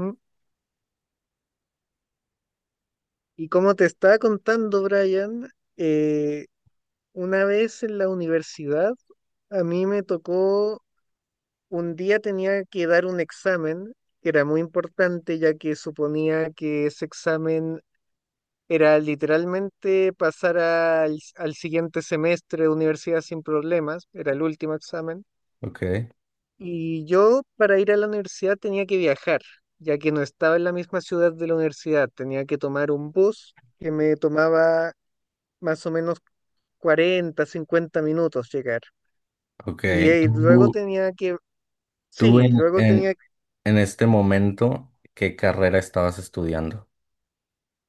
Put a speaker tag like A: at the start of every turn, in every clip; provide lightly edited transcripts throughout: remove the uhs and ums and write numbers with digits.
A: Mm. Y como te estaba contando, Brian, eh, una vez en la universidad, a mí me tocó, un día tenía que dar un examen que era muy importante, ya que suponía que ese examen era literalmente pasar al siguiente semestre de universidad sin problemas, era el último examen.
B: Ok,
A: Y yo para ir a la universidad tenía que viajar, ya que no estaba en la misma ciudad de la universidad, tenía que tomar un bus que me tomaba más o menos 40 50 minutos llegar.
B: ok.
A: Y,
B: Tú, tú
A: sí,
B: en,
A: luego
B: en,
A: tenía
B: en este momento, ¿qué carrera estabas estudiando?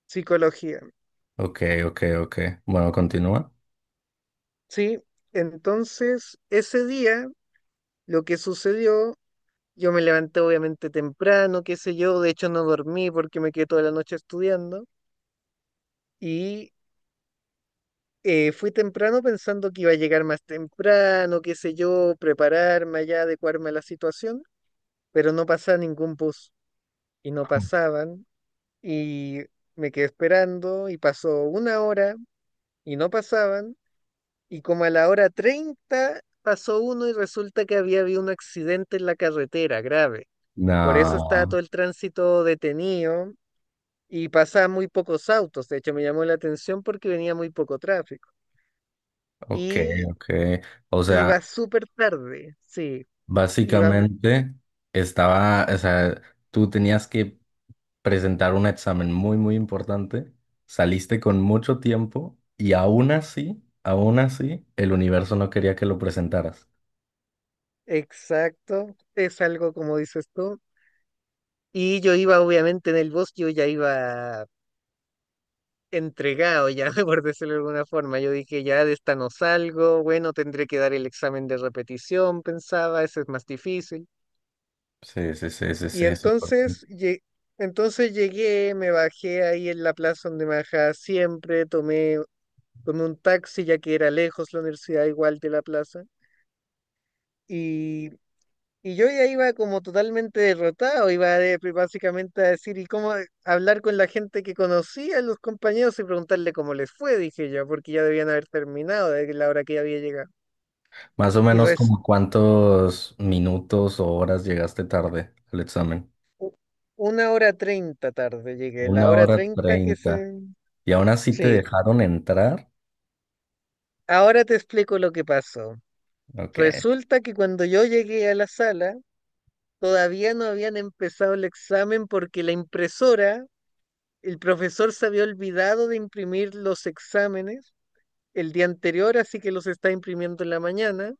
A: psicología,
B: Ok, ok, ok. Bueno, continúa.
A: sí. Entonces, ese día, lo que sucedió, yo me levanté obviamente temprano, qué sé yo, de hecho no dormí porque me quedé toda la noche estudiando y fui temprano pensando que iba a llegar más temprano, qué sé yo, prepararme allá, adecuarme a la situación, pero no pasaba ningún bus y no pasaban y me quedé esperando y pasó una hora y no pasaban y como a la hora 30 pasó uno y resulta que había habido un accidente en la carretera grave. Por eso estaba
B: No,
A: todo el tránsito detenido y pasaban muy pocos autos. De hecho, me llamó la atención porque venía muy poco tráfico.
B: ok,
A: Y
B: ok. O sea,
A: iba súper tarde, sí, iba,
B: básicamente o sea, tú tenías que presentar un examen muy, muy importante, saliste con mucho tiempo y aún así, el universo no quería que lo presentaras.
A: exacto, es algo como dices tú. Y yo iba obviamente en el bus, yo ya iba entregado ya, por decirlo de alguna forma. Yo dije, ya de esta no salgo, bueno, tendré que dar el examen de repetición, pensaba, ese es más difícil.
B: Sí, sí, sí, sí,
A: Y
B: sí, sí.
A: entonces, entonces llegué, me bajé ahí en la plaza donde me bajaba siempre, tomé un taxi ya que era lejos la universidad igual de la plaza. Y Y yo ya iba como totalmente derrotado, iba básicamente a decir, ¿y cómo hablar con la gente que conocía, los compañeros, y preguntarle cómo les fue? Dije yo, porque ya debían haber terminado de la hora que ya había llegado.
B: Más o
A: Y
B: menos,
A: res,
B: ¿como cuántos minutos o horas llegaste tarde al examen?
A: una hora treinta tarde llegué, la
B: Una
A: hora
B: hora
A: treinta que
B: treinta.
A: se...
B: Y aún así te
A: Sí,
B: dejaron entrar.
A: ahora te explico lo que pasó.
B: Ok.
A: Resulta que cuando yo llegué a la sala, todavía no habían empezado el examen porque la impresora, el profesor se había olvidado de imprimir los exámenes el día anterior, así que los está imprimiendo en la mañana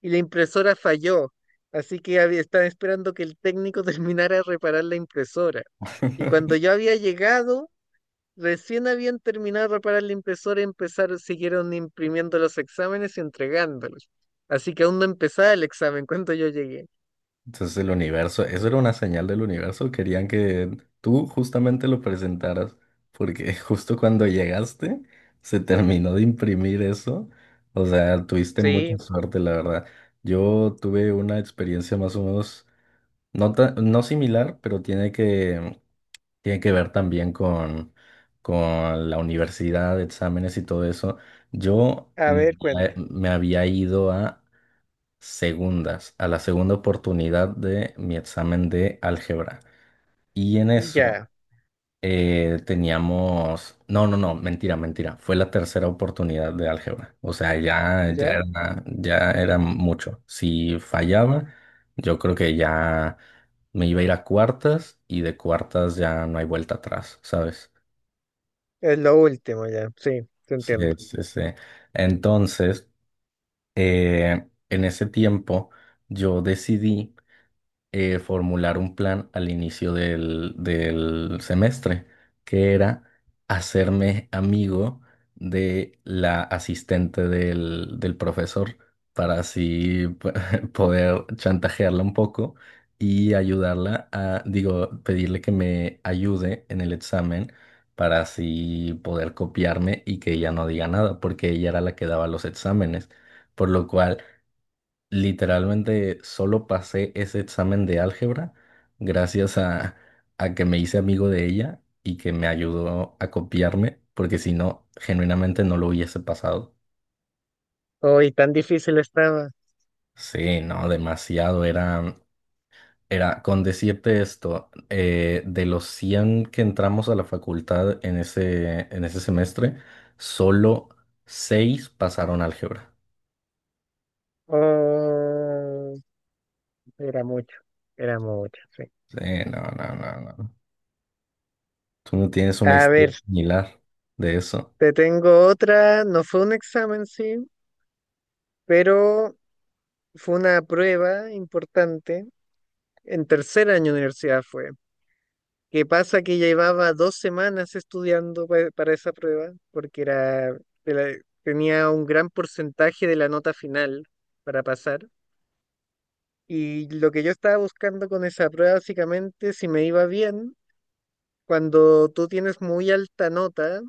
A: y la impresora falló. Así que estaba esperando que el técnico terminara de reparar la impresora. Y cuando yo había llegado, recién habían terminado de reparar la impresora y empezaron, siguieron imprimiendo los exámenes y entregándolos. Así que aún no empezaba el examen cuando yo llegué.
B: Entonces el universo, eso era una señal del universo. Querían que tú justamente lo presentaras. Porque justo cuando llegaste, se terminó de imprimir eso. O sea, tuviste mucha
A: Sí,
B: suerte, la verdad. Yo tuve una experiencia más o menos, no, no similar, pero tiene que ver también con la universidad, exámenes y todo eso. Yo
A: a
B: me,
A: ver,
B: había
A: cuenta.
B: me había ido a segundas, a la segunda oportunidad de mi examen de álgebra. Y en eso
A: Ya,
B: teníamos. No, no, no, mentira, mentira. Fue la tercera oportunidad de álgebra. O sea, ya, ya
A: ya.
B: era, ya era mucho. Si fallaba, yo creo que ya me iba a ir a cuartas, y de cuartas ya no hay vuelta atrás, ¿sabes?
A: Es lo último, ya. Sí, te
B: Sí,
A: entiendo.
B: sí, sí. Entonces, en ese tiempo yo decidí formular un plan al inicio del semestre, que era hacerme amigo de la asistente del profesor, para así poder chantajearla un poco y ayudarla a, digo, pedirle que me ayude en el examen para así poder copiarme, y que ella no diga nada, porque ella era la que daba los exámenes, por lo cual... Literalmente, solo pasé ese examen de álgebra gracias a, que me hice amigo de ella y que me ayudó a copiarme, porque si no, genuinamente no lo hubiese pasado.
A: Hoy tan difícil estaba.
B: Sí, no, demasiado. Era con decirte esto, de los 100 que entramos a la facultad en ese semestre, solo 6 pasaron álgebra.
A: Oh. Era mucho, era mucho, sí.
B: Sí, no, no, no, no. ¿Tú no tienes una
A: A
B: historia
A: ver,
B: similar de eso?
A: te tengo otra, no fue un examen, sí, pero fue una prueba importante. En tercer año de universidad fue. ¿Qué pasa? Que llevaba 2 semanas estudiando para esa prueba, porque era, de la- tenía un gran porcentaje de la nota final para pasar. Y lo que yo estaba buscando con esa prueba, básicamente, si me iba bien. Cuando tú tienes muy alta nota,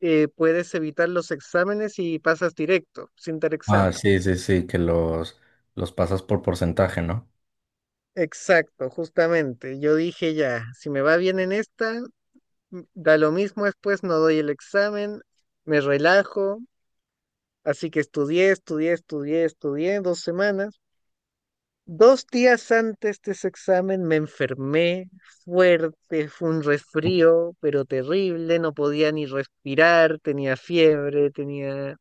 A: puedes evitar los exámenes y pasas directo, sin dar
B: Ah,
A: examen.
B: sí, sí, sí, que los pasas por porcentaje, ¿no?
A: Exacto, justamente. Yo dije ya, si me va bien en esta, da lo mismo después, no doy el examen, me relajo. Así que estudié, estudié, estudié, estudié 2 semanas. 2 días antes de ese examen me enfermé fuerte, fue un resfrío, pero terrible, no podía ni respirar, tenía fiebre, tenía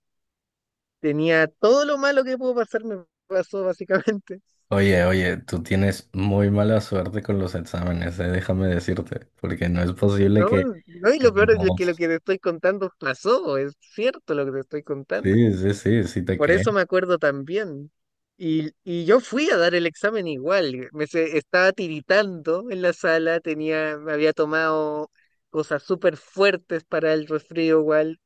A: tenía todo lo malo que pudo pasar, me pasó básicamente.
B: Oye, oye, tú tienes muy mala suerte con los exámenes, déjame decirte, porque no es posible
A: No,
B: que
A: no, y lo
B: en
A: peor es que lo
B: dos-
A: que te estoy contando pasó, es cierto lo que te estoy contando.
B: Sí, sí, sí, sí te
A: Por
B: creo.
A: eso me acuerdo también. Y yo fui a dar el examen igual, estaba tiritando en la sala, tenía, me había tomado cosas súper fuertes para el resfrío igual,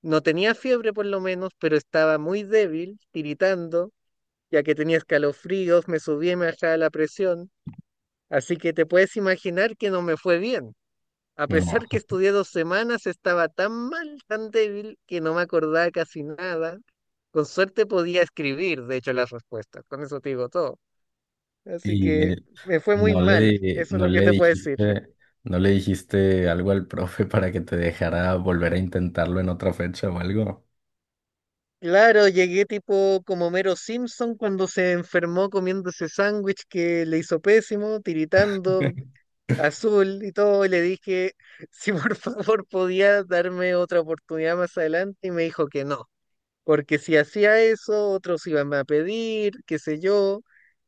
A: no tenía fiebre por lo menos, pero estaba muy débil, tiritando, ya que tenía escalofríos, me subía y me bajaba la presión. Así que te puedes imaginar que no me fue bien. A pesar que
B: No.
A: estudié 2 semanas, estaba tan mal, tan débil, que no me acordaba casi nada. Con suerte podía escribir, de hecho, las respuestas. Con eso te digo todo. Así
B: Y
A: que me fue muy
B: no le,
A: mal,
B: di-
A: eso es
B: no
A: lo que
B: le
A: te puedo decir.
B: dijiste, no le dijiste algo al profe para que te dejara volver a intentarlo en otra fecha o algo.
A: Claro, llegué tipo como Mero Simpson cuando se enfermó comiendo ese sándwich que le hizo pésimo, tiritando azul y todo, y le dije si por favor podía darme otra oportunidad más adelante y me dijo que no. Porque si hacía eso, otros iban a pedir, qué sé yo,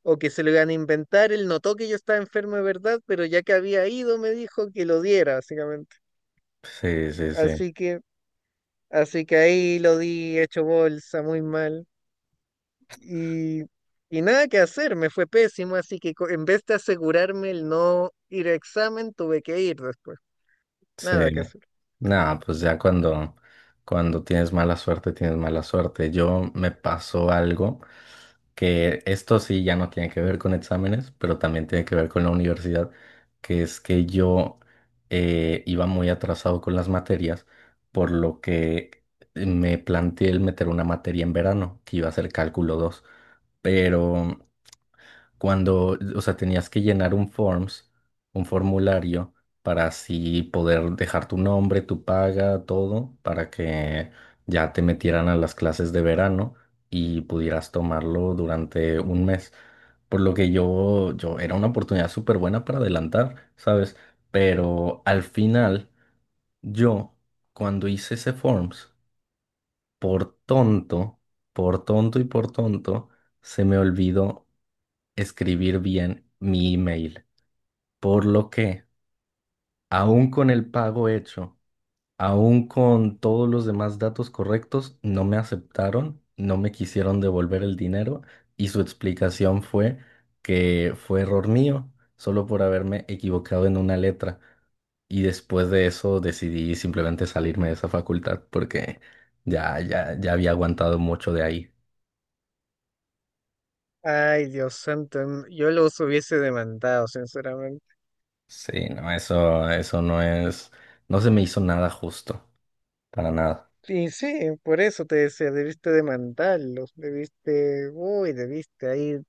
A: o que se lo iban a inventar. Él notó que yo estaba enfermo de verdad, pero ya que había ido me dijo que lo diera, básicamente.
B: Sí, sí, sí.
A: Así que, así que ahí lo di hecho bolsa, muy mal. Y, y nada que hacer, me fue pésimo, así que en vez de asegurarme el no ir a examen, tuve que ir después.
B: Sí.
A: Nada que hacer.
B: Nada, pues ya cuando tienes mala suerte, tienes mala suerte. Yo, me pasó algo que esto sí ya no tiene que ver con exámenes, pero también tiene que ver con la universidad, que es que yo, iba muy atrasado con las materias, por lo que me planteé el meter una materia en verano, que iba a ser cálculo 2, pero o sea, tenías que llenar un forms, un formulario, para así poder dejar tu nombre, tu paga, todo, para que ya te metieran a las clases de verano y pudieras tomarlo durante un mes. Por lo que yo era una oportunidad súper buena para adelantar, ¿sabes? Pero al final, yo, cuando hice ese forms, por tonto, por tonto y por tonto, se me olvidó escribir bien mi email. Por lo que, aún con el pago hecho, aún con todos los demás datos correctos, no me aceptaron, no me quisieron devolver el dinero, y su explicación fue que fue error mío, solo por haberme equivocado en una letra. Y después de eso decidí simplemente salirme de esa facultad, porque ya había aguantado mucho de ahí.
A: Ay, Dios santo, yo los hubiese demandado, sinceramente.
B: Sí, no, eso no se me hizo nada justo. Para nada.
A: Y sí, por eso te decía, debiste demandarlos, debiste, uy, debiste ahí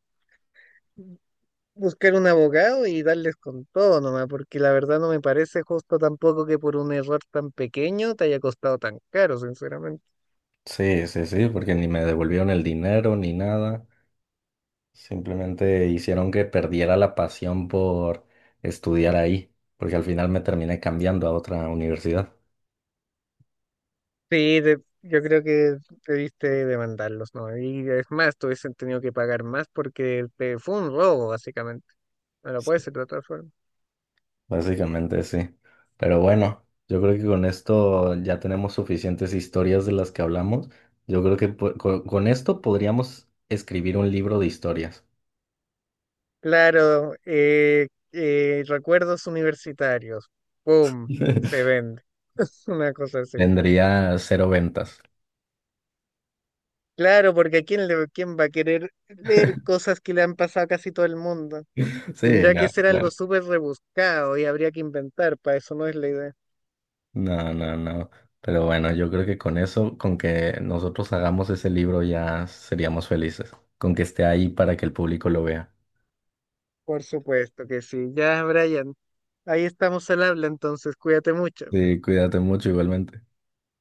A: buscar un abogado y darles con todo nomás, porque la verdad no me parece justo tampoco que por un error tan pequeño te haya costado tan caro, sinceramente.
B: Sí, sí, sí, porque ni me devolvieron el dinero ni nada. Simplemente hicieron que perdiera la pasión por estudiar ahí, porque al final me terminé cambiando a otra universidad.
A: Sí, yo creo que debiste demandarlos, ¿no? Y es más, te hubiesen tenido que pagar más porque te, fue un robo, básicamente. No lo puedes
B: Sí.
A: hacer de otra forma.
B: Básicamente sí. Pero bueno, yo creo que con esto ya tenemos suficientes historias de las que hablamos. Yo creo que esto podríamos escribir un libro de historias.
A: Claro, recuerdos universitarios, ¡pum! Se vende. Una cosa así.
B: Tendría cero ventas.
A: Claro, porque ¿a quién, quién va a querer leer cosas que le han pasado a casi todo el mundo?
B: Sí,
A: Tendría
B: no,
A: que ser algo
B: claro.
A: súper rebuscado y habría que inventar, para eso no es la idea.
B: No, no, no. Pero bueno, yo creo que con eso, con que nosotros hagamos ese libro ya seríamos felices. Con que esté ahí para que el público lo vea.
A: Por supuesto que sí. Ya, Brian, ahí estamos al habla, entonces cuídate mucho.
B: Sí, cuídate mucho igualmente.